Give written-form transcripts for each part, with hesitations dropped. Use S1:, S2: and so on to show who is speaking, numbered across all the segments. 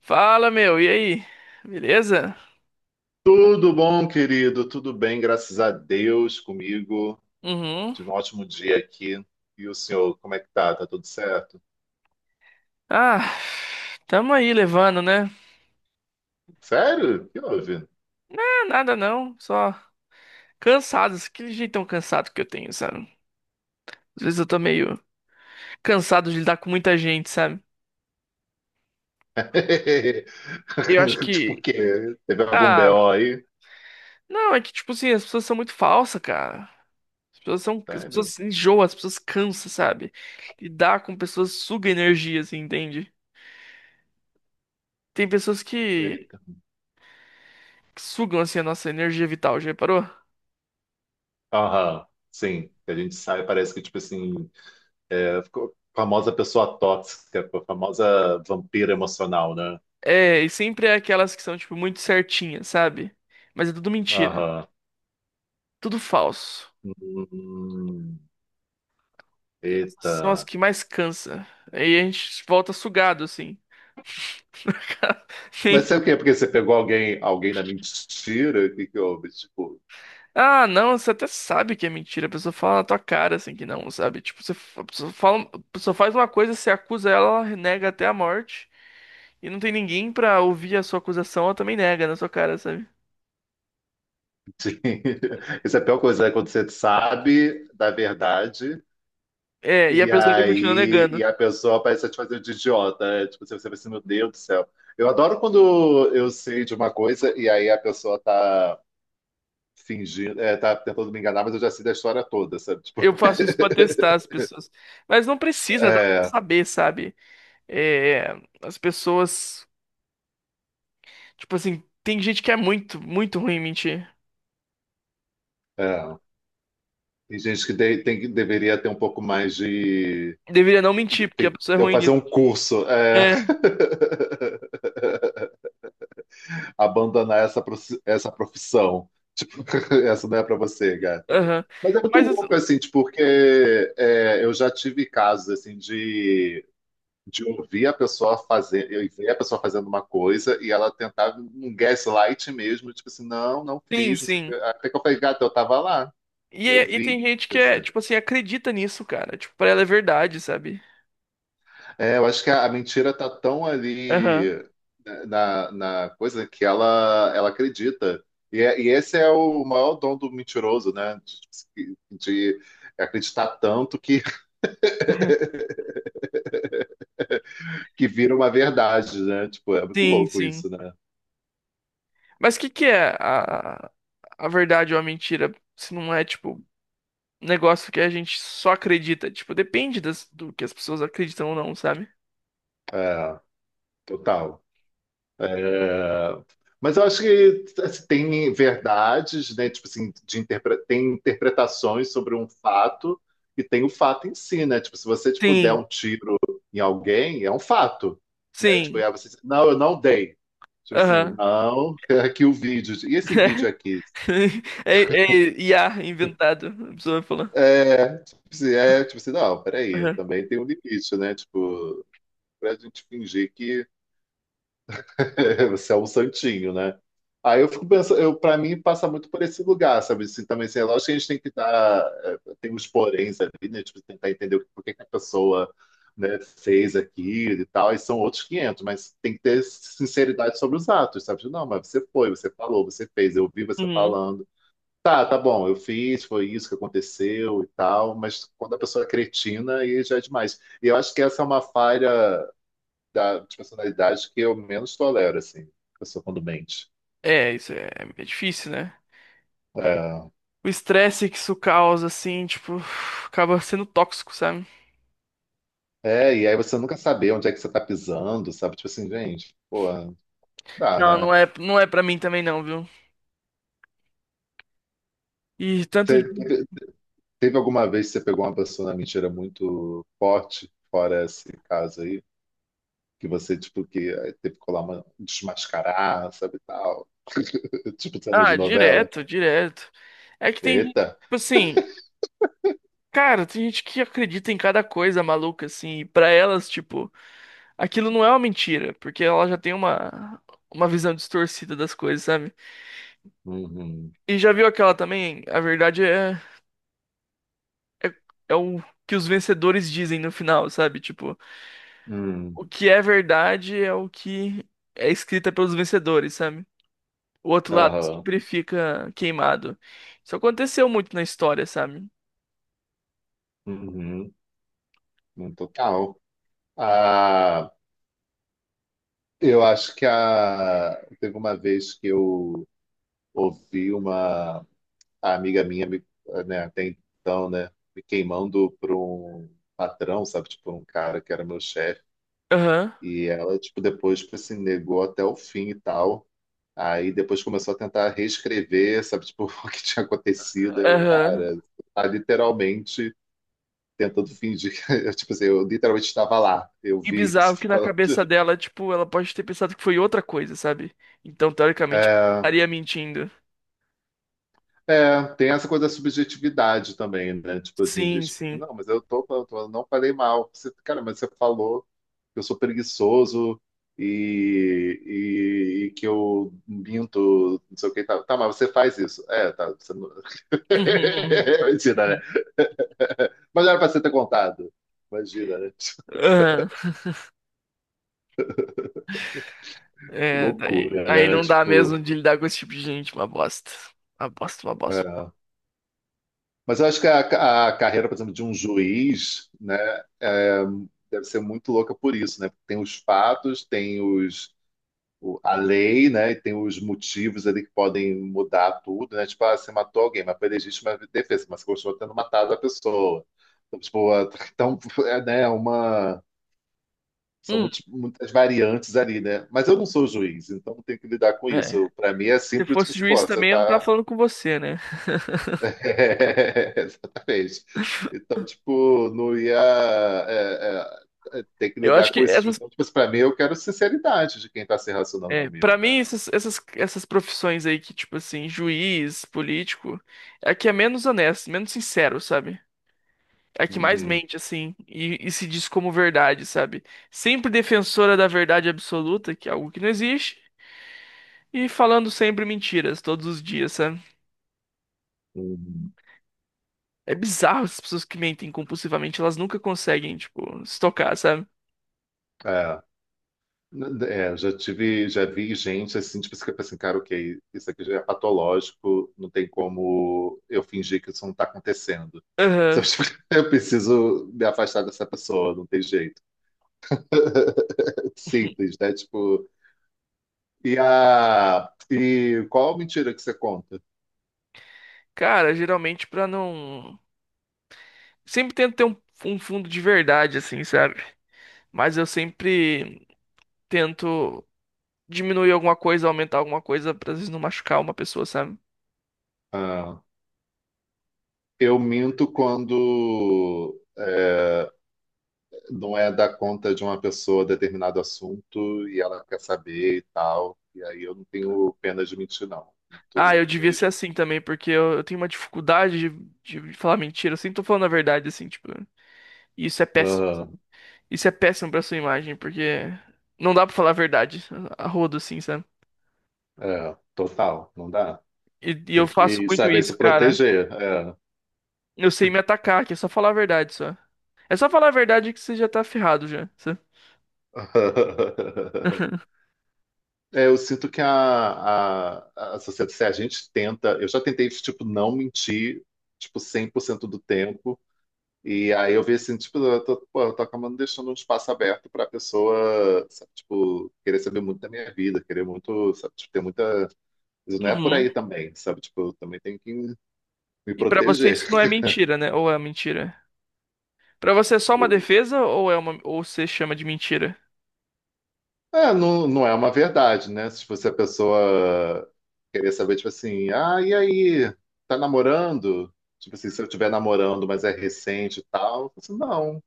S1: Fala, meu, e aí? Beleza?
S2: Tudo bom, querido? Tudo bem, graças a Deus comigo.
S1: Uhum.
S2: Tive um ótimo dia aqui. E o senhor, como é que tá? Tá tudo certo?
S1: Ah, tamo aí levando, né?
S2: Sério? O que houve?
S1: Ah, nada não, só cansados, aquele jeitão cansado que eu tenho, sabe? Às vezes eu tô meio cansado de lidar com muita gente, sabe? Eu acho
S2: Tipo o
S1: que.
S2: quê? Teve algum
S1: Ah,
S2: BO aí?
S1: não, é que tipo assim, as pessoas são muito falsas, cara. As pessoas são. As pessoas
S2: Sério?
S1: se enjoam, as pessoas cansam, sabe? Lidar com pessoas suga energia, assim, entende? Tem pessoas que
S2: Eita.
S1: que sugam, assim, a nossa energia vital, já reparou?
S2: Aham, sim. A gente sai, parece que, tipo assim, ficou famosa pessoa tóxica, a famosa vampira emocional, né?
S1: É, e sempre é aquelas que são, tipo, muito certinhas, sabe? Mas é tudo mentira.
S2: Aham.
S1: Tudo falso.
S2: Hum,
S1: Essas são as
S2: eita.
S1: que mais cansa. Aí a gente volta sugado, assim. Sim.
S2: Mas sabe o que é? Porque você pegou alguém na mentira? O que que houve? Tipo,
S1: Ah, não, você até sabe que é mentira. A pessoa fala na tua cara, assim, que não, sabe? Tipo, você, a pessoa fala, a pessoa faz uma coisa, você acusa ela, ela nega até a morte. E não tem ninguém pra ouvir a sua acusação, ela também nega na sua cara, sabe?
S2: sim. Isso é a pior coisa, né? Quando você sabe da verdade
S1: É, e a
S2: e
S1: pessoa ainda continua
S2: aí e
S1: negando.
S2: a pessoa parece te fazer de idiota. É, tipo, você vai assim, meu Deus do céu. Eu adoro quando eu sei de uma coisa e aí a pessoa tá fingindo, tá tentando me enganar, mas eu já sei da história toda, sabe? Tipo,
S1: Eu faço isso pra testar as pessoas. Mas não precisa, dá pra
S2: é,
S1: saber, sabe? É, as pessoas. Tipo assim, tem gente que é muito, muito ruim em mentir.
S2: é. Tem gente que tem, deveria ter um pouco mais de...
S1: Deveria não mentir, porque a
S2: tem,
S1: pessoa é
S2: eu
S1: ruim
S2: fazer
S1: nisso.
S2: um curso. É.
S1: É,
S2: Abandonar essa, essa profissão. Tipo, essa não é para você, gata.
S1: aham.
S2: Mas é muito
S1: Mas
S2: louco,
S1: assim,
S2: assim, tipo, porque é, eu já tive casos, assim, de ouvir a pessoa fazer, eu ver a pessoa fazendo uma coisa e ela tentar um gaslight mesmo, tipo assim, não, não
S1: sim,
S2: fiz, não sei o quê.
S1: sim.
S2: Até que eu falei, gata, eu tava lá,
S1: E,
S2: eu
S1: e
S2: vi.
S1: tem gente que é, tipo assim, acredita nisso, cara. Tipo, pra ela é verdade, sabe?
S2: É, eu acho que a mentira tá tão
S1: Aham.
S2: ali né, na coisa que ela acredita. E, e esse é o maior dom do mentiroso, né? De acreditar tanto que, que vira uma verdade, né? Tipo, é muito
S1: Sim,
S2: louco
S1: sim.
S2: isso, né?
S1: Mas o que que é a verdade ou a mentira? Se não é, tipo, negócio que a gente só acredita. Tipo, depende do que as pessoas acreditam ou não, sabe?
S2: É, total. É, mas eu acho que assim, tem verdades, né? Tipo assim, de interpre... tem interpretações sobre um fato e tem o fato em si, né? Tipo, se você tipo, der
S1: Sim,
S2: um tiro em alguém, é um fato, né? Tipo, e
S1: sim.
S2: aí você diz, não, eu não dei. Tipo assim,
S1: Aham.
S2: não, é aqui o vídeo. E esse vídeo aqui?
S1: É, é IA inventado, a pessoa vai falar.
S2: É, tipo assim, não, peraí,
S1: Aham.
S2: também tem um limite, né? Tipo, pra gente fingir que você é um santinho, né? Aí eu fico pensando, eu, para mim passa muito por esse lugar, sabe? Assim, também, assim, é lógico que a gente tem que dar, é, tem os poréns ali, né? Tipo, tentar entender por que que a pessoa, né, fez aquilo e tal, e são outros 500, mas tem que ter sinceridade sobre os atos, sabe? Tipo, não, mas você foi, você falou, você fez, eu vi você
S1: Uhum.
S2: falando. Tá, tá bom, eu fiz, foi isso que aconteceu e tal, mas quando a pessoa é cretina, aí já é demais. E eu acho que essa é uma falha de personalidade que eu menos tolero, assim, a pessoa quando mente.
S1: É, isso é, é difícil, né?
S2: É,
S1: O estresse que isso causa, assim, tipo, acaba sendo tóxico, sabe?
S2: é, e aí você nunca saber onde é que você tá pisando, sabe? Tipo assim, gente, pô, dá,
S1: Não,
S2: né?
S1: não é pra mim também não, viu? E tanto.
S2: Te- Teve, teve alguma vez que você pegou uma pessoa na mentira muito forte, fora esse caso aí, que você, tipo, que aí teve que colar uma, desmascarar, sabe, e tal? Tipo cena
S1: Ah,
S2: de novela.
S1: direto, direto. É que tem gente,
S2: Eita!
S1: tipo assim, cara, tem gente que acredita em cada coisa maluca, assim, e pra elas, tipo. Aquilo não é uma mentira, porque ela já tem uma visão distorcida das coisas, sabe?
S2: Uhum.
S1: E já viu aquela também? A verdade é, é o que os vencedores dizem no final, sabe? Tipo,
S2: Hum.
S1: o que é verdade é o que é escrita pelos vencedores, sabe? O outro lado
S2: Aham.
S1: sempre fica queimado. Isso aconteceu muito na história, sabe?
S2: Uhum. Uhum. Total. Ah. Eu acho que a... teve uma vez que eu ouvi uma a amiga minha, né, até então, né, me queimando por um patrão, sabe, tipo, um cara que era meu chefe.
S1: Aham,
S2: E ela, tipo, depois, tipo assim, negou até o fim e tal. Aí depois começou a tentar reescrever, sabe, tipo, o que tinha acontecido. Eu,
S1: aham.
S2: cara, tá literalmente tentando fingir que, eu, tipo assim, eu literalmente estava lá, eu
S1: E
S2: vi.
S1: bizarro que na cabeça dela, tipo, ela pode ter pensado que foi outra coisa, sabe? Então, teoricamente,
S2: É,
S1: estaria mentindo.
S2: é, tem essa coisa da subjetividade também, né? Tipo assim, de,
S1: Sim,
S2: tipo,
S1: sim.
S2: não, mas eu tô, eu não falei mal. Você, cara, mas você falou que eu sou preguiçoso e, e que eu minto, não sei o que tá tá, mas você faz isso. É, tá. Você não... Imagina, né? Mas era pra você ter contado. Imagina, né? Tipo,
S1: Aham.
S2: que
S1: É, daí,
S2: loucura,
S1: aí
S2: né?
S1: não dá mesmo
S2: Tipo,
S1: de lidar com esse tipo de gente, uma bosta. Uma bosta, uma bosta.
S2: é. Mas eu acho que a carreira, por exemplo, de um juiz, né? é, deve ser muito louca por isso, né? Tem os fatos, tem os a lei, né? E tem os motivos ali que podem mudar tudo, né? Tipo, ah, você matou alguém, mas foi legítima defesa, mas você continua tendo matado a pessoa. Então, tipo, ah, então, é, né, uma. São
S1: Hum,
S2: muitas variantes ali, né? Mas eu não sou juiz, então não tenho que lidar com
S1: é.
S2: isso. Para mim é
S1: Se
S2: simples, tipo
S1: fosse
S2: assim, pô,
S1: juiz
S2: você
S1: também, eu não tava
S2: tá.
S1: falando com você, né?
S2: É, exatamente. Então, tipo, não ia ter que
S1: Eu acho
S2: lidar
S1: que
S2: com isso.
S1: essas,
S2: Então, tipo, para mim eu quero sinceridade de quem está se relacionando
S1: é, para
S2: comigo, né?
S1: mim essas profissões aí que tipo assim, juiz, político, é a que é menos honesto, menos sincero, sabe? É a que mais
S2: Uhum,
S1: mente assim e se diz como verdade, sabe? Sempre defensora da verdade absoluta, que é algo que não existe, e falando sempre mentiras todos os dias, sabe?
S2: uhum.
S1: É bizarro essas pessoas que mentem compulsivamente, elas nunca conseguem, tipo, se tocar, sabe?
S2: É, é, já tive, já vi gente assim, tipo, você fica assim, cara, ok, isso aqui já é patológico, não tem como eu fingir que isso não está acontecendo. Só,
S1: Aham.
S2: tipo, eu preciso me afastar dessa pessoa, não tem jeito. É simples, né? Tipo, e qual mentira que você conta?
S1: Cara, geralmente pra não. Sempre tento ter um, um fundo de verdade, assim, sabe? Mas eu sempre tento diminuir alguma coisa, aumentar alguma coisa, pra às vezes não machucar uma pessoa, sabe?
S2: Ah, eu minto quando não é dar conta de uma pessoa determinado assunto e ela quer saber e tal. E aí eu não tenho pena de mentir, não.
S1: Ah,
S2: Muito
S1: eu devia ser
S2: mesmo.
S1: assim também, porque eu tenho uma dificuldade de falar mentira. Eu sempre tô falando a verdade, assim, tipo. E isso é péssimo.
S2: Ah,
S1: Isso é péssimo pra sua imagem, porque não dá pra falar a verdade a rodo, assim, sabe?
S2: é, total, não dá.
S1: E eu
S2: Tem
S1: faço
S2: que
S1: muito
S2: saber
S1: isso,
S2: se
S1: cara.
S2: proteger. É.
S1: Eu sei me atacar, que é só falar a verdade, só. É só falar a verdade que você já tá ferrado já. Só.
S2: É, eu sinto que a sociedade, se a gente tenta, eu já tentei, tipo, não mentir, tipo, 100% do tempo, e aí eu vi assim, tipo, eu tô, pô, eu tô acabando deixando um espaço aberto pra pessoa, sabe, tipo, querer saber muito da minha vida, querer muito, sabe, tipo, ter muita. Isso não é por
S1: Uhum.
S2: aí também, sabe? Tipo, eu também tenho que me
S1: E pra você
S2: proteger.
S1: isso não é mentira, né? Ou é mentira? Pra você é só uma defesa ou é uma ou você chama de mentira?
S2: É, não, não é uma verdade, né? Tipo, se a pessoa querer saber, tipo assim, ah, e aí, tá namorando? Tipo assim, se eu estiver namorando, mas é recente e tal, eu falo assim, não.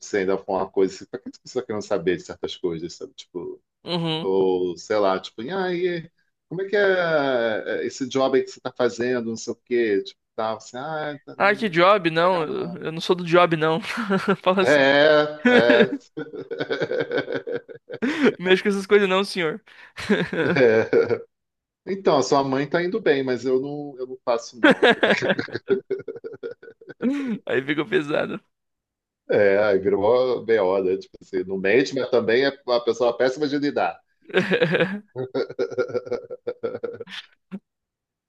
S2: Se ainda for uma coisa, assim, pra que você tá querendo saber de certas coisas, sabe? Tipo.
S1: Uhum.
S2: Ou, sei lá, tipo, ah, e como é que é esse job aí que você tá fazendo, não sei o quê, tipo, tal, assim, ah, é, tá,
S1: Ah,
S2: não
S1: que
S2: vou
S1: job? Não,
S2: pegar
S1: eu
S2: não.
S1: eu não sou do job, não. Fala assim.
S2: É, é.
S1: Mexe com essas coisas não, senhor.
S2: É. Então, a sua mãe tá indo bem, mas eu não faço, não.
S1: Aí fica pesado.
S2: É, aí virou uma BO, né? Tipo assim, não mente, mas também é uma pessoa péssima de lidar.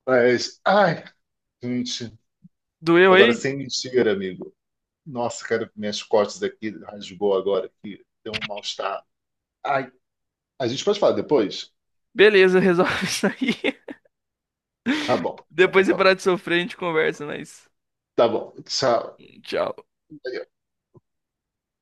S2: Mas, ai, gente,
S1: Doeu
S2: agora
S1: aí?
S2: sem mentira, amigo. Nossa, cara, minhas costas aqui rasgou agora aqui, deu um mal-estar. Ai, a gente pode falar depois?
S1: Beleza, resolve isso aí.
S2: Tá bom. Tá bom,
S1: Depois de
S2: então,
S1: parar de sofrer, a gente conversa, mas.
S2: tá bom. Tchau.
S1: Tchau.